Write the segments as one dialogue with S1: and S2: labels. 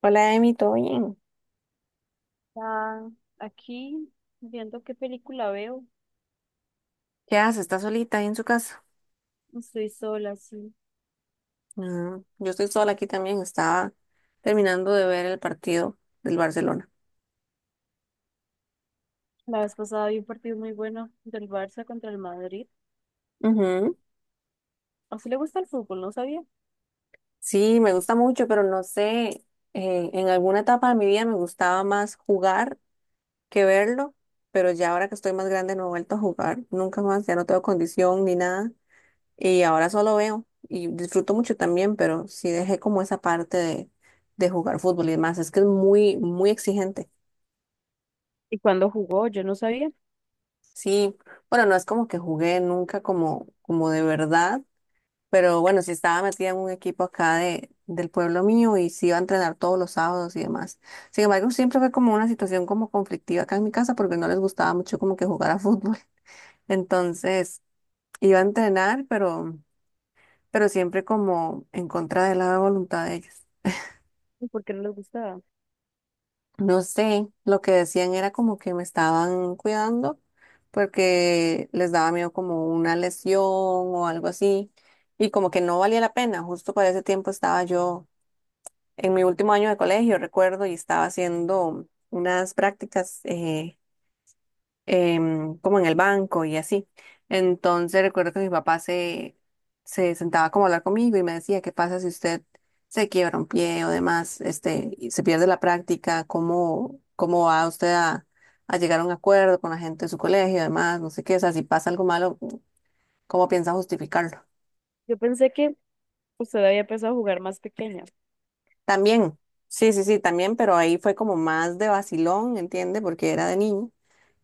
S1: Hola, Emi, ¿todo bien?
S2: Ah, aquí, viendo qué película veo,
S1: ¿Qué haces? ¿Estás solita ahí en su casa?
S2: estoy sola, sí.
S1: Ah, yo estoy sola aquí también. Estaba terminando de ver el partido del Barcelona.
S2: La vez pasada vi un partido muy bueno del Barça contra el Madrid.
S1: Ujú.
S2: ¿A usted le gusta el fútbol? No sabía.
S1: Sí, me gusta mucho, pero no sé, en alguna etapa de mi vida me gustaba más jugar que verlo, pero ya ahora que estoy más grande no he vuelto a jugar, nunca más, ya no tengo condición ni nada, y ahora solo veo y disfruto mucho también, pero sí dejé como esa parte de jugar fútbol y demás, es que es muy, muy exigente.
S2: ¿Y cuándo jugó? Yo no sabía.
S1: Sí, bueno, no es como que jugué nunca como de verdad, pero bueno, sí estaba metida en un equipo acá del pueblo mío y sí iba a entrenar todos los sábados y demás. Sin embargo, siempre fue como una situación como conflictiva acá en mi casa porque no les gustaba mucho como que jugar a fútbol. Entonces, iba a entrenar, pero siempre como en contra de la voluntad de ellos.
S2: ¿Y por qué no les gustaba?
S1: No sé, lo que decían era como que me estaban cuidando porque les daba miedo como una lesión o algo así y como que no valía la pena. Justo para ese tiempo estaba yo en mi último año de colegio, recuerdo, y estaba haciendo unas prácticas como en el banco y así. Entonces recuerdo que mi papá se sentaba como a hablar conmigo y me decía, ¿qué pasa si usted se quiebra un pie o demás, este, y se pierde la práctica? ¿Cómo va usted a llegar a un acuerdo con la gente de su colegio y demás? No sé qué, o sea, si pasa algo malo, ¿cómo piensa justificarlo?
S2: Yo pensé que usted había empezado a jugar más pequeña.
S1: También, sí, sí, sí, también, pero ahí fue como más de vacilón, ¿entiende? Porque era de niño.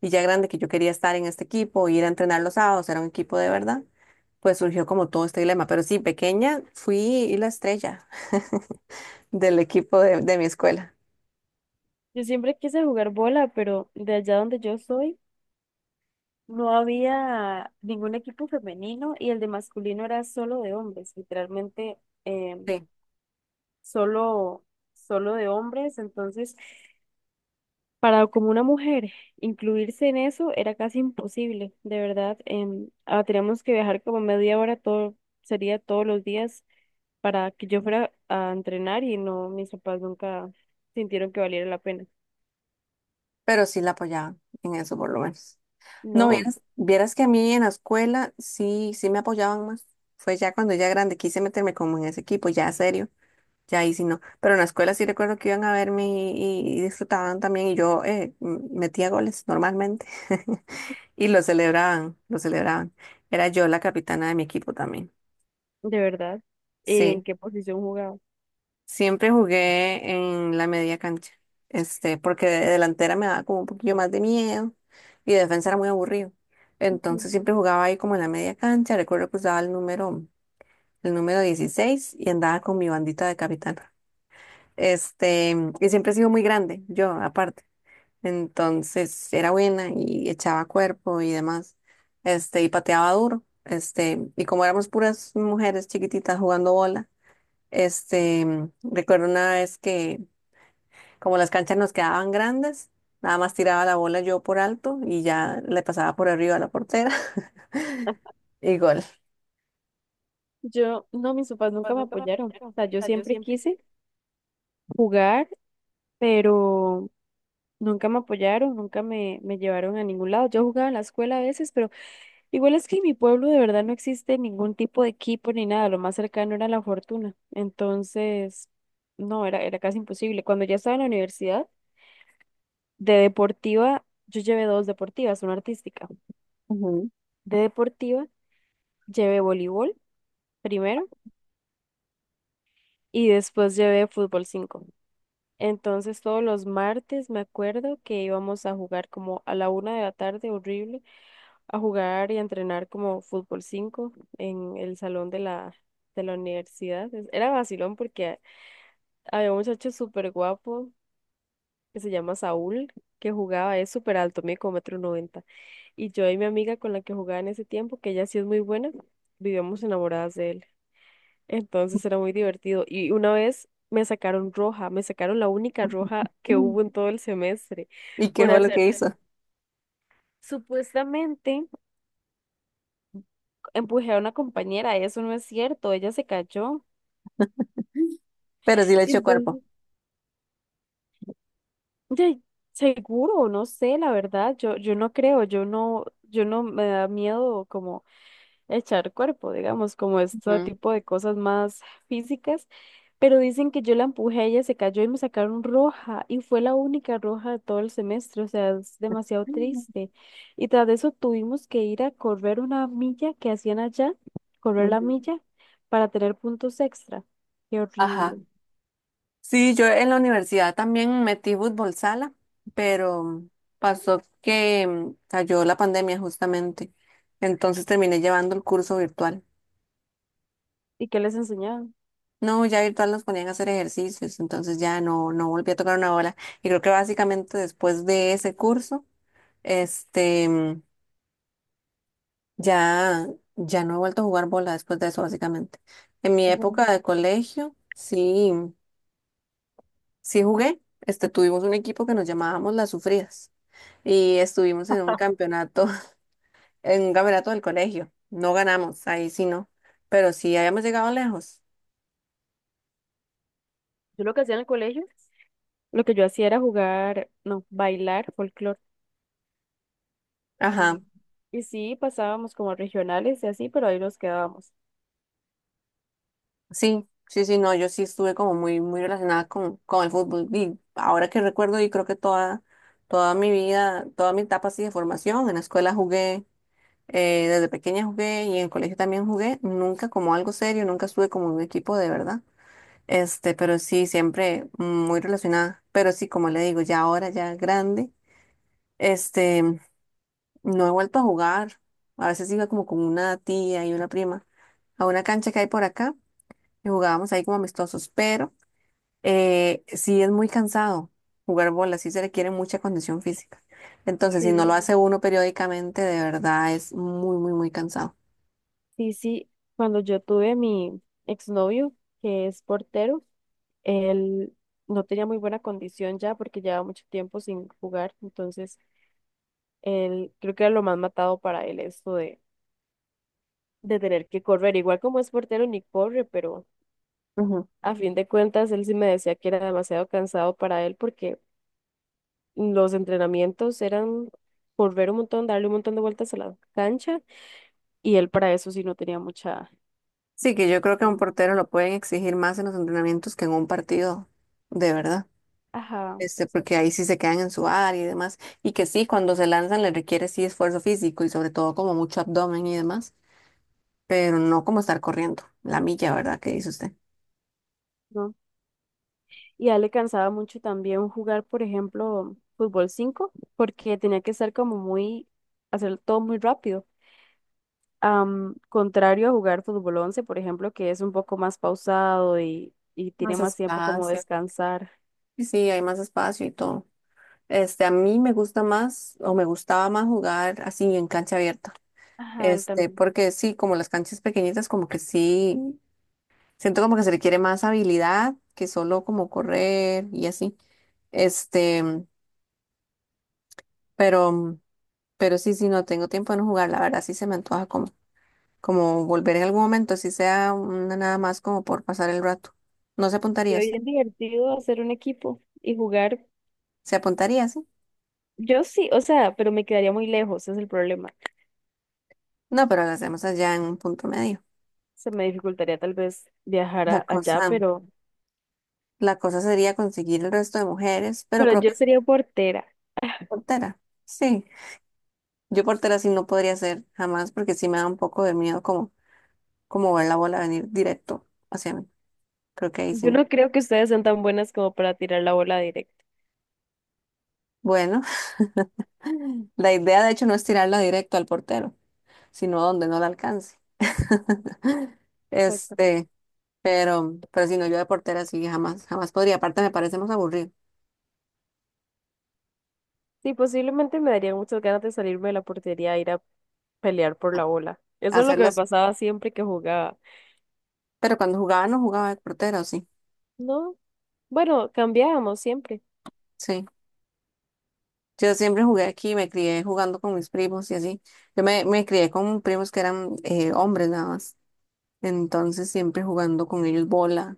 S1: Y ya grande que yo quería estar en este equipo, ir a entrenar los sábados, era un equipo de verdad, pues surgió como todo este dilema. Pero sí, pequeña fui la estrella del equipo de mi escuela.
S2: Yo siempre quise jugar bola, pero de allá donde yo soy no había ningún equipo femenino y el de masculino era solo de hombres, literalmente em,
S1: Sí.
S2: solo, solo, de hombres. Entonces, para como una mujer incluirse en eso era casi imposible, de verdad. Teníamos que viajar como media hora, todo, sería todos los días para que yo fuera a entrenar y no, mis papás nunca sintieron que valiera la pena.
S1: Pero sí la apoyaban en eso por lo menos. No,
S2: No,
S1: vieras, vieras que a mí en la escuela sí, sí me apoyaban más. Fue ya cuando ya grande quise meterme como en ese equipo, ya serio. Ya ahí sí no. Pero en la escuela sí recuerdo que iban a verme y disfrutaban también y yo metía goles normalmente y lo celebraban, lo celebraban. Era yo la capitana de mi equipo también.
S2: de verdad. ¿En
S1: Sí,
S2: qué posición jugaba?
S1: siempre jugué en la media cancha, este, porque de delantera me daba como un poquillo más de miedo y de defensa era muy aburrido.
S2: Ujú.
S1: Entonces siempre jugaba ahí como en la media cancha. Recuerdo que usaba el número 16 y andaba con mi bandita de capitán. Este, y siempre he sido muy grande, yo aparte. Entonces era buena y echaba cuerpo y demás. Este, y pateaba duro. Este, y como éramos puras mujeres chiquititas jugando bola, este, recuerdo una vez que como las canchas nos quedaban grandes, nada más tiraba la bola yo por alto y ya le pasaba por arriba a la portera y gol.
S2: Yo, no, mis papás nunca
S1: Pues
S2: me
S1: nunca me
S2: apoyaron. O
S1: apoyaron.
S2: sea,
S1: O
S2: yo
S1: sea, yo
S2: siempre
S1: siempre.
S2: quise jugar, pero nunca me apoyaron, nunca me llevaron a ningún lado. Yo jugaba en la escuela a veces, pero igual es que en mi pueblo de verdad no existe ningún tipo de equipo ni nada, lo más cercano era la fortuna. Entonces, no, era casi imposible. Cuando ya estaba en la universidad, de deportiva, yo llevé dos deportivas, una artística.
S1: Ujú.
S2: De deportiva, llevé voleibol primero y después llevé fútbol cinco. Entonces, todos los martes me acuerdo que íbamos a jugar como a la una de la tarde, horrible, a jugar y a entrenar como fútbol 5 en el salón de la universidad. Era vacilón porque había un muchacho súper guapo que se llama Saúl, que jugaba, es súper alto, mide como 1,90. Y yo y mi amiga con la que jugaba en ese tiempo, que ella sí es muy buena, vivíamos enamoradas de él. Entonces era muy divertido. Y una vez me sacaron roja, me sacaron la única roja que hubo en todo el semestre
S1: ¿Y qué
S2: por
S1: fue lo
S2: hacer…
S1: que hizo?
S2: Supuestamente empujé a una compañera, eso no es cierto, ella se cayó.
S1: Pero sí le echó cuerpo.
S2: Entonces, de- seguro, no sé, la verdad, yo no creo, yo no me da miedo como echar cuerpo, digamos, como este tipo de cosas más físicas, pero dicen que yo la empujé, ella se cayó y me sacaron roja, y fue la única roja de todo el semestre, o sea, es demasiado triste. Y tras de eso tuvimos que ir a correr una milla que hacían allá, correr la
S1: Ujú.
S2: milla, para tener puntos extra. Qué horrible.
S1: Ajá. Sí, yo en la universidad también metí fútbol sala, pero pasó que cayó la pandemia justamente. Entonces terminé llevando el curso virtual.
S2: ¿Y qué les enseñaban?
S1: No, ya virtual nos ponían a hacer ejercicios, entonces ya no, no volví a tocar una bola. Y creo que básicamente después de ese curso, este, mm, ya, ya no he vuelto a jugar bola después de eso, básicamente. En mi
S2: Ujú.
S1: época de colegio, sí. Sí jugué, este, tuvimos un equipo que nos llamábamos Las Sufridas y estuvimos en un campeonato, en un campeonato del colegio. No ganamos, ahí sí no, pero sí habíamos llegado lejos.
S2: Yo lo que hacía en el colegio. Lo que yo hacía era jugar, no, bailar folclore. Mm.
S1: Ajá,
S2: Y sí, pasábamos como regionales y así, pero ahí nos quedábamos.
S1: sí, sí, sí, no, yo sí estuve como muy, muy relacionada con el fútbol y ahora que recuerdo y creo que toda, toda mi vida, toda mi etapa así de formación, en la escuela jugué, desde pequeña jugué y en el colegio también jugué, nunca como algo serio, nunca estuve como en un equipo de verdad. Este, pero sí, siempre muy relacionada. Pero sí, como le digo, ya ahora, ya grande, este, no he vuelto a jugar. A veces iba como con una tía y una prima a una cancha que hay por acá y jugábamos ahí como amistosos. Pero sí es muy cansado jugar bola, sí se requiere mucha condición física. Entonces, si no
S2: Sí.
S1: lo Sí. hace uno periódicamente, de verdad es muy, muy, muy cansado.
S2: Sí, sí, cuando yo tuve mi exnovio, que es portero, él no tenía muy buena condición ya porque llevaba mucho tiempo sin jugar, entonces él creo que era lo más matado para él esto de tener que correr, igual como es portero ni corre, pero
S1: Ujú.
S2: a fin de cuentas él sí me decía que era demasiado cansado para él porque los entrenamientos eran correr un montón, darle un montón de vueltas a la cancha y él para eso sí no tenía mucha…
S1: Sí, que yo creo que a un portero lo pueden exigir más en los entrenamientos que en un partido, de verdad.
S2: Ajá,
S1: Este, porque
S2: exacto.
S1: ahí sí se quedan en su área y demás. Y que sí, cuando se lanzan les requiere sí esfuerzo físico y sobre todo como mucho abdomen y demás, pero no como estar corriendo la milla, ¿verdad? ¿Qué dice usted?
S2: ¿No? Y a él le cansaba mucho también jugar, por ejemplo, fútbol 5 porque tenía que ser como muy, hacer todo muy rápido. Contrario a jugar fútbol once, por ejemplo, que es un poco más pausado y tiene
S1: Más
S2: más tiempo como
S1: espacio.
S2: descansar.
S1: Y sí, hay más espacio y todo. Este, a mí me gusta más o me gustaba más jugar así en cancha abierta.
S2: Ajá, él
S1: Este,
S2: también.
S1: porque sí, como las canchas pequeñitas, como que sí, siento como que se requiere más habilidad que solo como correr y así. Este, pero... sí, no tengo tiempo de no jugar, la verdad, sí se me antoja como, como volver en algún momento, si sea una nada más como por pasar el rato. No se
S2: Se
S1: apuntaría
S2: ve
S1: usted.
S2: bien divertido hacer un equipo y jugar.
S1: Se apuntaría, sí.
S2: Yo sí, o sea, pero me quedaría muy lejos, ese es el problema.
S1: No, pero lo hacemos allá en un punto medio.
S2: Se me dificultaría tal vez viajar
S1: La
S2: allá,
S1: cosa,
S2: pero,
S1: la cosa sería conseguir el resto de mujeres, pero
S2: pero
S1: creo
S2: yo
S1: que
S2: sería portera.
S1: portera. Sí. Yo portera sí no podría ser jamás, porque sí me da un poco de miedo como, como ver la bola venir directo hacia mí. Creo que ahí sí
S2: Yo
S1: no.
S2: no creo que ustedes sean tan buenas como para tirar la bola directa.
S1: Bueno, la idea de hecho no es tirarla directo al portero, sino donde no la alcance.
S2: Exacto.
S1: Este, pero si no, yo de portera sí jamás, jamás podría. Aparte me parece más aburrido
S2: Sí, posiblemente me darían muchas ganas de salirme de la portería e ir a pelear por la bola. Eso es lo que me
S1: hacerlas,
S2: pasaba siempre que jugaba.
S1: pero cuando jugaba no jugaba de portera, ¿o sí,
S2: No, bueno, cambiábamos siempre.
S1: sí. Yo siempre jugué aquí, me crié jugando con mis primos y así. Me crié con primos que eran hombres nada más. Entonces siempre jugando con ellos bola,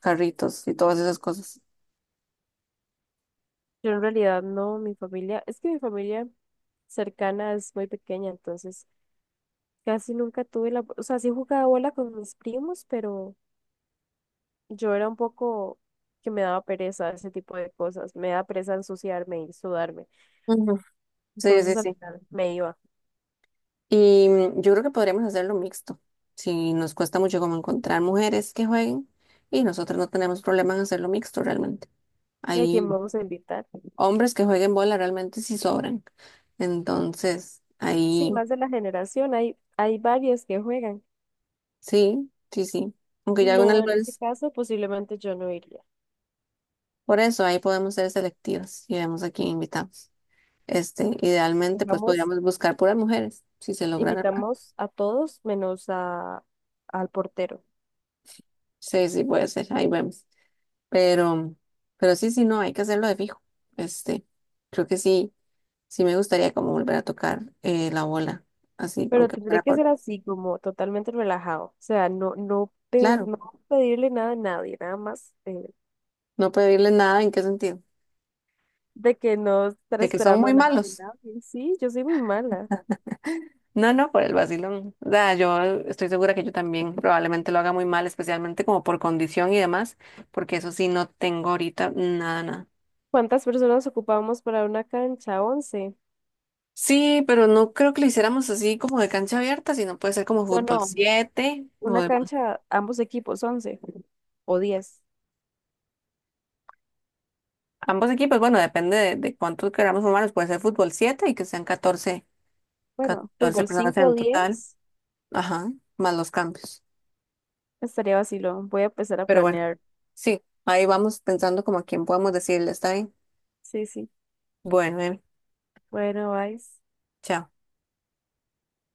S1: carritos y todas esas cosas.
S2: Yo en realidad no, mi familia, es que mi familia cercana es muy pequeña, entonces casi nunca tuve la, o sea, sí jugaba bola con mis primos, pero yo era un poco que me daba pereza ese tipo de cosas. Me da pereza ensuciarme y sudarme.
S1: Ujú. Sí, sí,
S2: Entonces al
S1: sí.
S2: final me iba.
S1: Y yo creo que podríamos hacerlo mixto. Si nos cuesta mucho como encontrar mujeres que jueguen y nosotros no tenemos problema en hacerlo mixto realmente.
S2: ¿Y a
S1: Hay
S2: quién vamos a invitar?
S1: hombres que jueguen bola realmente sí sobran. Entonces,
S2: Sí,
S1: ahí
S2: más de la generación. Hay varias que juegan.
S1: sí, sí, sí. Aunque ya
S2: No,
S1: algunas
S2: en ese
S1: veces,
S2: caso posiblemente yo no iría.
S1: por eso ahí podemos ser selectivas y vemos a quién invitamos. Este, idealmente, pues
S2: Dejamos,
S1: podríamos buscar puras mujeres, si se lograra.
S2: invitamos a todos menos a, al portero.
S1: Sí, sí, puede ser, ahí vemos. Pero, pero sí, sí, no, hay que hacerlo de fijo. Este, creo que sí. Sí me gustaría como volver a tocar la bola, así,
S2: Pero
S1: aunque
S2: tendré
S1: fuera
S2: que
S1: por...
S2: ser así, como totalmente relajado. O sea, no, no,
S1: Claro,
S2: no pedirle nada a nadie, nada más.
S1: no pedirles nada, ¿en qué sentido?
S2: De que no estar
S1: De que son
S2: esperando
S1: muy
S2: nada de
S1: malos.
S2: nadie. Sí, yo soy muy mala.
S1: No, no, por el vacilón. O sea, yo estoy segura que yo también probablemente lo haga muy mal, especialmente como por condición y demás, porque eso sí no tengo ahorita nada, nada.
S2: ¿Cuántas personas ocupamos para una cancha? ¿11?
S1: Sí, pero no creo que lo hiciéramos así como de cancha abierta, sino puede ser como
S2: No,
S1: fútbol
S2: no,
S1: 7 o
S2: una
S1: demás.
S2: cancha, ambos equipos, 11 o 10.
S1: Ambos equipos, bueno, depende de cuántos queramos formarnos, puede ser fútbol 7 y que sean
S2: Bueno,
S1: 14
S2: fútbol
S1: personas
S2: 5
S1: en
S2: o
S1: total.
S2: 10.
S1: Ajá, más los cambios.
S2: Estaría vacilo. Voy a empezar a
S1: Pero bueno,
S2: planear.
S1: sí, ahí vamos pensando como a quién podemos decirle, está bien.
S2: Sí, sí.
S1: Bueno, Emi,
S2: Bueno, bye.
S1: chao.